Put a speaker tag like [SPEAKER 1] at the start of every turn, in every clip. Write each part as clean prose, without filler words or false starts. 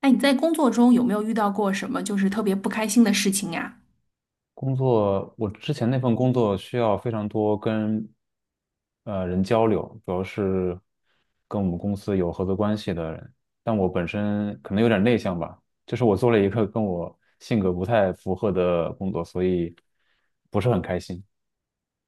[SPEAKER 1] 哎，你在工作中有没有遇到过什么就是特别不开心的事情呀？
[SPEAKER 2] 工作，我之前那份工作需要非常多跟人交流，主要是跟我们公司有合作关系的人。但我本身可能有点内向吧，就是我做了一个跟我性格不太符合的工作，所以不是很开心。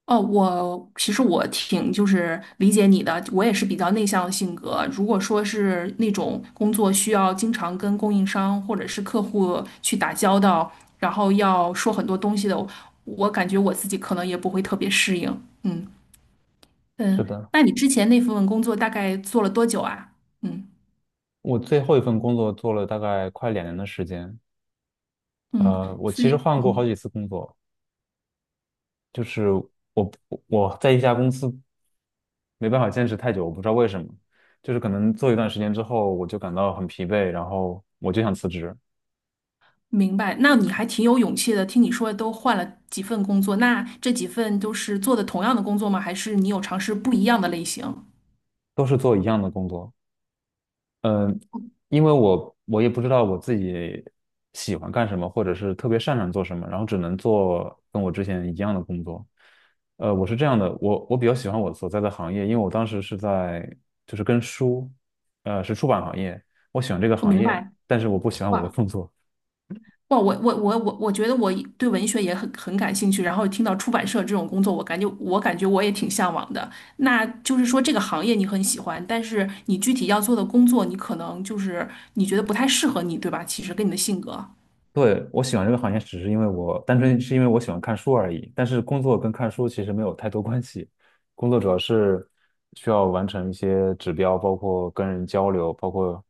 [SPEAKER 1] 哦，我其实挺就是理解你的，我也是比较内向的性格。如果说是那种工作需要经常跟供应商或者是客户去打交道，然后要说很多东西的，我感觉我自己可能也不会特别适应。嗯。
[SPEAKER 2] 是
[SPEAKER 1] 嗯，
[SPEAKER 2] 的，
[SPEAKER 1] 那你之前那份工作大概做了多久啊？嗯。
[SPEAKER 2] 我最后一份工作做了大概快两年的时间。
[SPEAKER 1] 嗯，
[SPEAKER 2] 我
[SPEAKER 1] 所
[SPEAKER 2] 其实
[SPEAKER 1] 以
[SPEAKER 2] 换过好
[SPEAKER 1] 嗯。
[SPEAKER 2] 几次工作，就是我我在一家公司。没办法坚持太久，我不知道为什么，就是可能做一段时间之后，我就感到很疲惫，然后我就想辞职，
[SPEAKER 1] 明白，那你还挺有勇气的。听你说都换了几份工作，那这几份都是做的同样的工作吗？还是你有尝试不一样的类型？
[SPEAKER 2] 都是做一样的工作，因为我也不知道我自己喜欢干什么，或者是特别擅长做什么，然后只能做跟我之前一样的工作。我是这样的，我比较喜欢我所在的行业，因为我当时是在就是跟书，是出版行业，我喜欢这个
[SPEAKER 1] 我
[SPEAKER 2] 行
[SPEAKER 1] 明
[SPEAKER 2] 业，
[SPEAKER 1] 白。
[SPEAKER 2] 但是我不喜欢我的
[SPEAKER 1] 哇。
[SPEAKER 2] 工作。
[SPEAKER 1] 哇，我觉得我对文学也很感兴趣，然后听到出版社这种工作，我感觉我也挺向往的。那就是说这个行业你很喜欢，但是你具体要做的工作，你可能就是你觉得不太适合你，对吧？其实跟你的性格，
[SPEAKER 2] 对，我喜欢这个行业，只是因为我单纯是因为我喜欢看书而已。但是工作跟看书其实没有太多关系，工作主要是需要完成一些指标，包括跟人交流，包括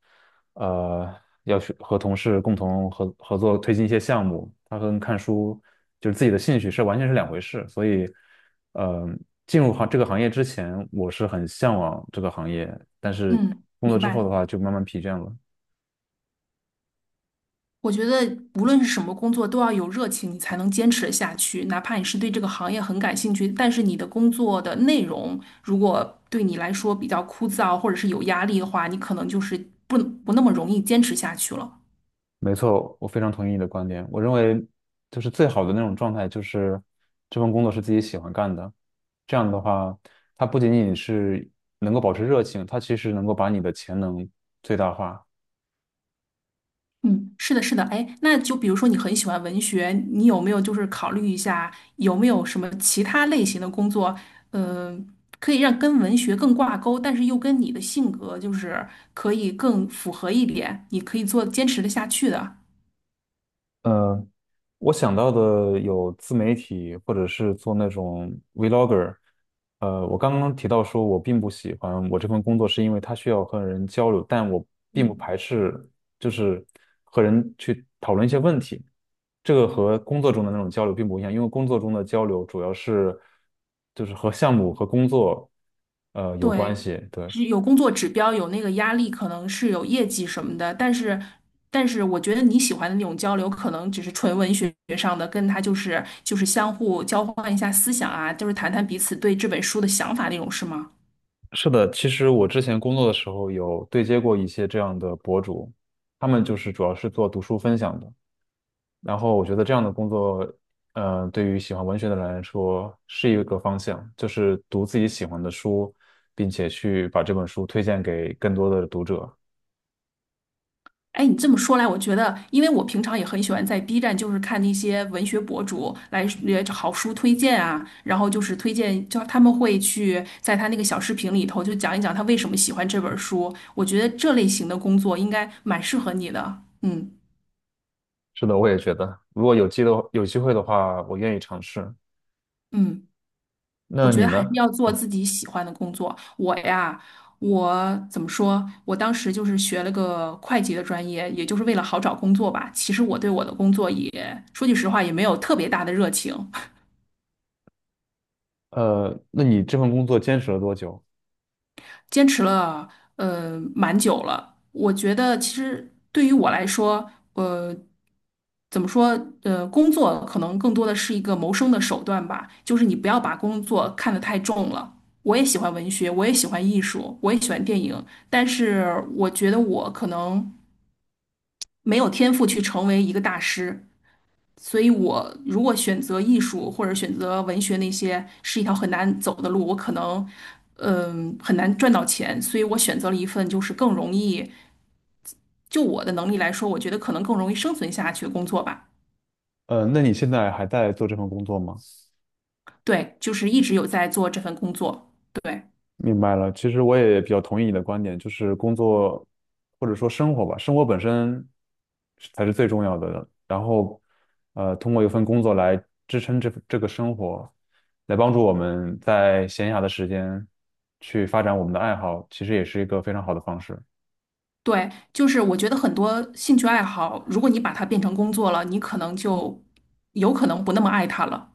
[SPEAKER 2] 呃要去和同事共同合作推进一些项目。它跟看书就是自己的兴趣是完全是两回事。所以，呃，进入行这个行业之前，我是很向往这个行业，但是
[SPEAKER 1] 嗯，
[SPEAKER 2] 工作
[SPEAKER 1] 明
[SPEAKER 2] 之后的
[SPEAKER 1] 白。
[SPEAKER 2] 话就慢慢疲倦了。
[SPEAKER 1] 我觉得无论是什么工作，都要有热情，你才能坚持得下去。哪怕你是对这个行业很感兴趣，但是你的工作的内容如果对你来说比较枯燥，或者是有压力的话，你可能就是不不那么容易坚持下去了。
[SPEAKER 2] 没错，我非常同意你的观点。我认为，就是最好的那种状态，就是这份工作是自己喜欢干的。这样的话，它不仅仅是能够保持热情，它其实能够把你的潜能最大化。
[SPEAKER 1] 嗯，是的，是的。哎，那就比如说你很喜欢文学，你有没有就是考虑一下，有没有什么其他类型的工作，呃，可以让跟文学更挂钩，但是又跟你的性格就是可以更符合一点，你可以做坚持的下去的。
[SPEAKER 2] 呃我想到的有自媒体，或者是做那种 vlogger。我刚刚提到说，我并不喜欢我这份工作，是因为它需要和人交流，但我并不排斥，就是和人去讨论一些问题。这个和工作中的那种交流并不一样，因为工作中的交流主要是就是和项目和工作有关
[SPEAKER 1] 对，
[SPEAKER 2] 系。对，
[SPEAKER 1] 是有工作指标，有那个压力，可能是有业绩什么的，但是，但是我觉得你喜欢的那种交流，可能只是纯文学上的，跟他就是相互交换一下思想啊，就是谈谈彼此对这本书的想法那种，是吗？
[SPEAKER 2] 是的，其实我之前工作的时候有对接过一些这样的博主，他们就是主要是做读书分享的。然后我觉得这样的工作，对于喜欢文学的人来说是一个方向，就是读自己喜欢的书，并且去把这本书推荐给更多的读者。
[SPEAKER 1] 哎，你这么说来，我觉得，因为我平常也很喜欢在 B 站，就是看那些文学博主来也好书推荐啊，然后就是推荐，就他们会去在他那个小视频里头就讲一讲他为什么喜欢这本书。我觉得这类型的工作应该蛮适合你的。嗯。
[SPEAKER 2] 是的，我也觉得，如果有机的有机会的话，我愿意尝试。
[SPEAKER 1] 嗯，我
[SPEAKER 2] 那
[SPEAKER 1] 觉
[SPEAKER 2] 你
[SPEAKER 1] 得还是
[SPEAKER 2] 呢？
[SPEAKER 1] 要做自己喜欢的工作。我呀，我怎么说？我当时就是学了个会计的专业，也就是为了好找工作吧。其实我对我的工作也，说句实话，也没有特别大的热情。
[SPEAKER 2] 那你这份工作坚持了多久？
[SPEAKER 1] 坚持了蛮久了。我觉得其实对于我来说，怎么说，工作可能更多的是一个谋生的手段吧，就是你不要把工作看得太重了。我也喜欢文学，我也喜欢艺术，我也喜欢电影，但是我觉得我可能没有天赋去成为一个大师。所以我如果选择艺术或者选择文学那些是一条很难走的路，我可能很难赚到钱，所以我选择了一份就是更容易，就我的能力来说，我觉得可能更容易生存下去的工作吧。
[SPEAKER 2] 那你现在还在做这份工作吗？
[SPEAKER 1] 对，就是一直有在做这份工作。对。
[SPEAKER 2] 明白了，其实我也比较同意你的观点，就是工作或者说生活吧，生活本身是才是最重要的。然后，通过一份工作来支撑这个生活，来帮助我们在闲暇的时间去发展我们的爱好，其实也是一个非常好的方式。
[SPEAKER 1] 对，就是我觉得很多兴趣爱好，如果你把它变成工作了，你可能就有可能不那么爱它了。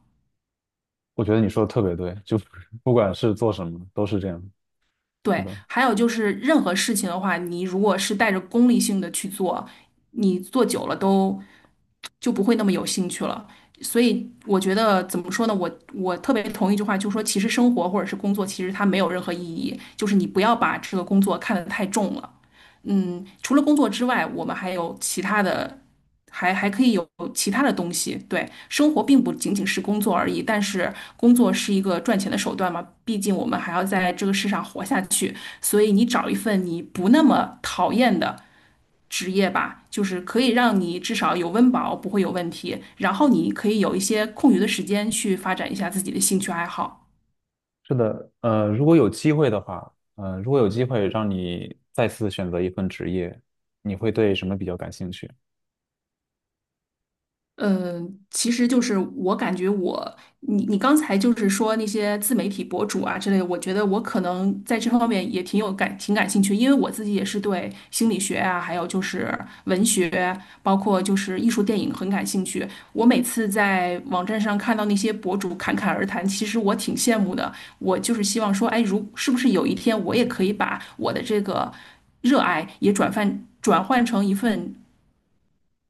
[SPEAKER 2] 我觉得你说的特别对，就 不管是做什么都是这样。是
[SPEAKER 1] 对，
[SPEAKER 2] 的，
[SPEAKER 1] 还有就是任何事情的话，你如果是带着功利性的去做，你做久了都就不会那么有兴趣了。所以我觉得怎么说呢？我特别同意一句话，就是说，其实生活或者是工作，其实它没有任何意义，就是你不要把这个工作看得太重了。嗯，除了工作之外，我们还有其他的，还可以有其他的东西。对，生活并不仅仅是工作而已，但是工作是一个赚钱的手段嘛，毕竟我们还要在这个世上活下去。所以你找一份你不那么讨厌的职业吧，就是可以让你至少有温饱，不会有问题。然后你可以有一些空余的时间去发展一下自己的兴趣爱好。
[SPEAKER 2] 是的，如果有机会的话，如果有机会让你再次选择一份职业，你会对什么比较感兴趣？
[SPEAKER 1] 嗯，其实就是我感觉我，你刚才就是说那些自媒体博主啊之类的，我觉得我可能在这方面也挺有感，挺感兴趣，因为我自己也是对心理学啊，还有就是文学，包括就是艺术电影很感兴趣。我每次在网站上看到那些博主侃侃而谈，其实我挺羡慕的。我就是希望说，哎，如是不是有一天我也可以把我的这个热爱也转换成一份。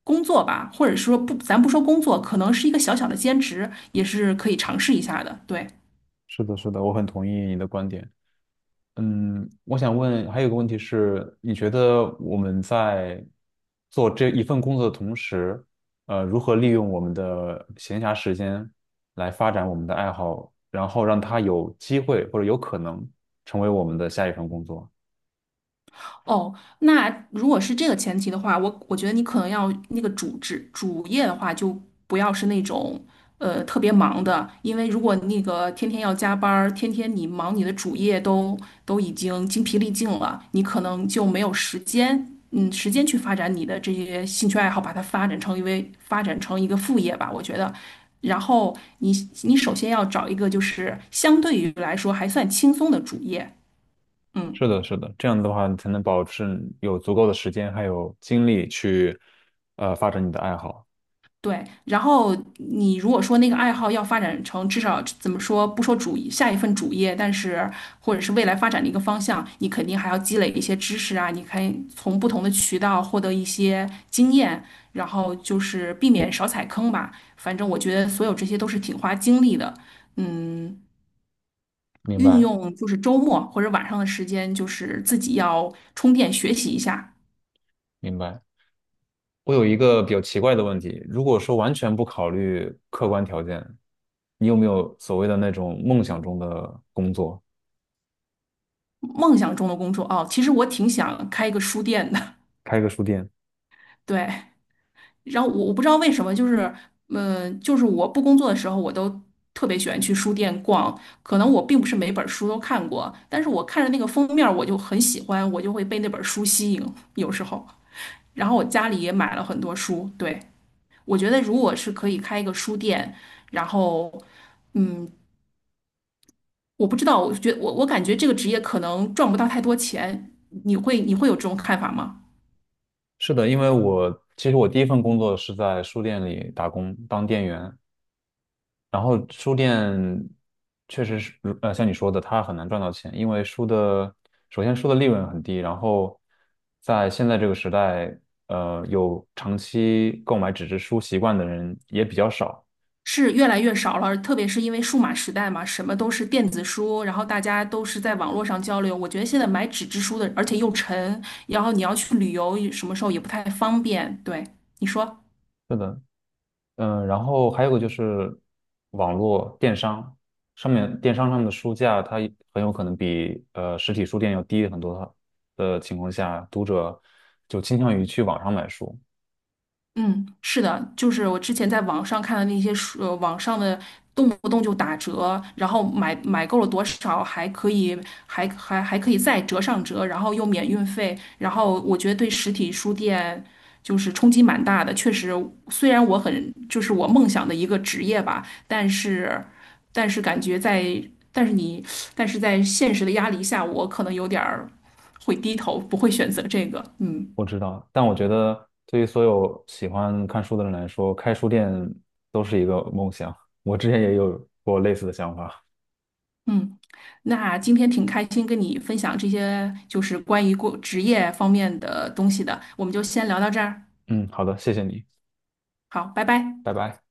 [SPEAKER 1] 工作吧，或者说不，咱不说工作，可能是一个小小的兼职，也是可以尝试一下的。对，
[SPEAKER 2] 是的，是的，我很同意你的观点。嗯，我想问，还有个问题是，你觉得我们在做这一份工作的同时，如何利用我们的闲暇时间来发展我们的爱好，然后让它有机会或者有可能成为我们的下一份工作？
[SPEAKER 1] 哦，那如果是这个前提的话，我觉得你可能要那个主职主业的话，就不要是那种特别忙的，因为如果那个天天要加班儿，天天你忙你的主业都已经精疲力尽了，你可能就没有时间，嗯，时间去发展你的这些兴趣爱好，把它发展成一个副业吧，我觉得。然后你你首先要找一个就是相对于来说还算轻松的主业，嗯。
[SPEAKER 2] 是的，是的，这样的话，你才能保证有足够的时间还有精力去，发展你的爱好。
[SPEAKER 1] 对，然后你如果说那个爱好要发展成至少怎么说，不说下一份主业，但是或者是未来发展的一个方向，你肯定还要积累一些知识啊，你可以从不同的渠道获得一些经验，然后就是避免少踩坑吧。反正我觉得所有这些都是挺花精力的，嗯，
[SPEAKER 2] 明
[SPEAKER 1] 运
[SPEAKER 2] 白，
[SPEAKER 1] 用就是周末或者晚上的时间，就是自己要充电学习一下
[SPEAKER 2] 明白。我有一个比较奇怪的问题，如果说完全不考虑客观条件，你有没有所谓的那种梦想中的工作，
[SPEAKER 1] 梦想中的工作。哦，其实我挺想开一个书店的，
[SPEAKER 2] 开个书店？
[SPEAKER 1] 对。然后我不知道为什么，就是，就是我不工作的时候，我都特别喜欢去书店逛。可能我并不是每本书都看过，但是我看着那个封面儿我就很喜欢，我就会被那本书吸引。有时候，然后我家里也买了很多书。对，我觉得如果是可以开一个书店，然后，嗯，我不知道，我感觉这个职业可能赚不到太多钱。你会有这种看法吗？
[SPEAKER 2] 是的，因为我其实我第一份工作是在书店里打工，当店员。然后书店确实是，像你说的，它很难赚到钱，因为首先书的利润很低，然后在现在这个时代，有长期购买纸质书习惯的人也比较少。
[SPEAKER 1] 是越来越少了，特别是因为数码时代嘛，什么都是电子书，然后大家都是在网络上交流。我觉得现在买纸质书的，而且又沉，然后你要去旅游，什么时候也不太方便。对，你说。
[SPEAKER 2] 是的，嗯，然后还有个就是网络电商上面，电商上面的书价，它也很有可能比实体书店要低很多的情况下，读者就倾向于去网上买书。
[SPEAKER 1] 嗯，是的，就是我之前在网上看的那些书，网上的动不动就打折，然后买够了多少还可以，还可以再折上折，然后又免运费，然后我觉得对实体书店就是冲击蛮大的。确实，虽然我很就是我梦想的一个职业吧，但是但是感觉在但是你但是在现实的压力下，我可能有点儿会低头，不会选择这个。嗯。
[SPEAKER 2] 我知道，但我觉得对于所有喜欢看书的人来说，开书店都是一个梦想。我之前也有过类似的想法。
[SPEAKER 1] 嗯，那今天挺开心跟你分享这些，就是关于过职业方面的东西的，我们就先聊到这儿。
[SPEAKER 2] 嗯，好的，谢谢你，
[SPEAKER 1] 好，拜拜。
[SPEAKER 2] 拜拜。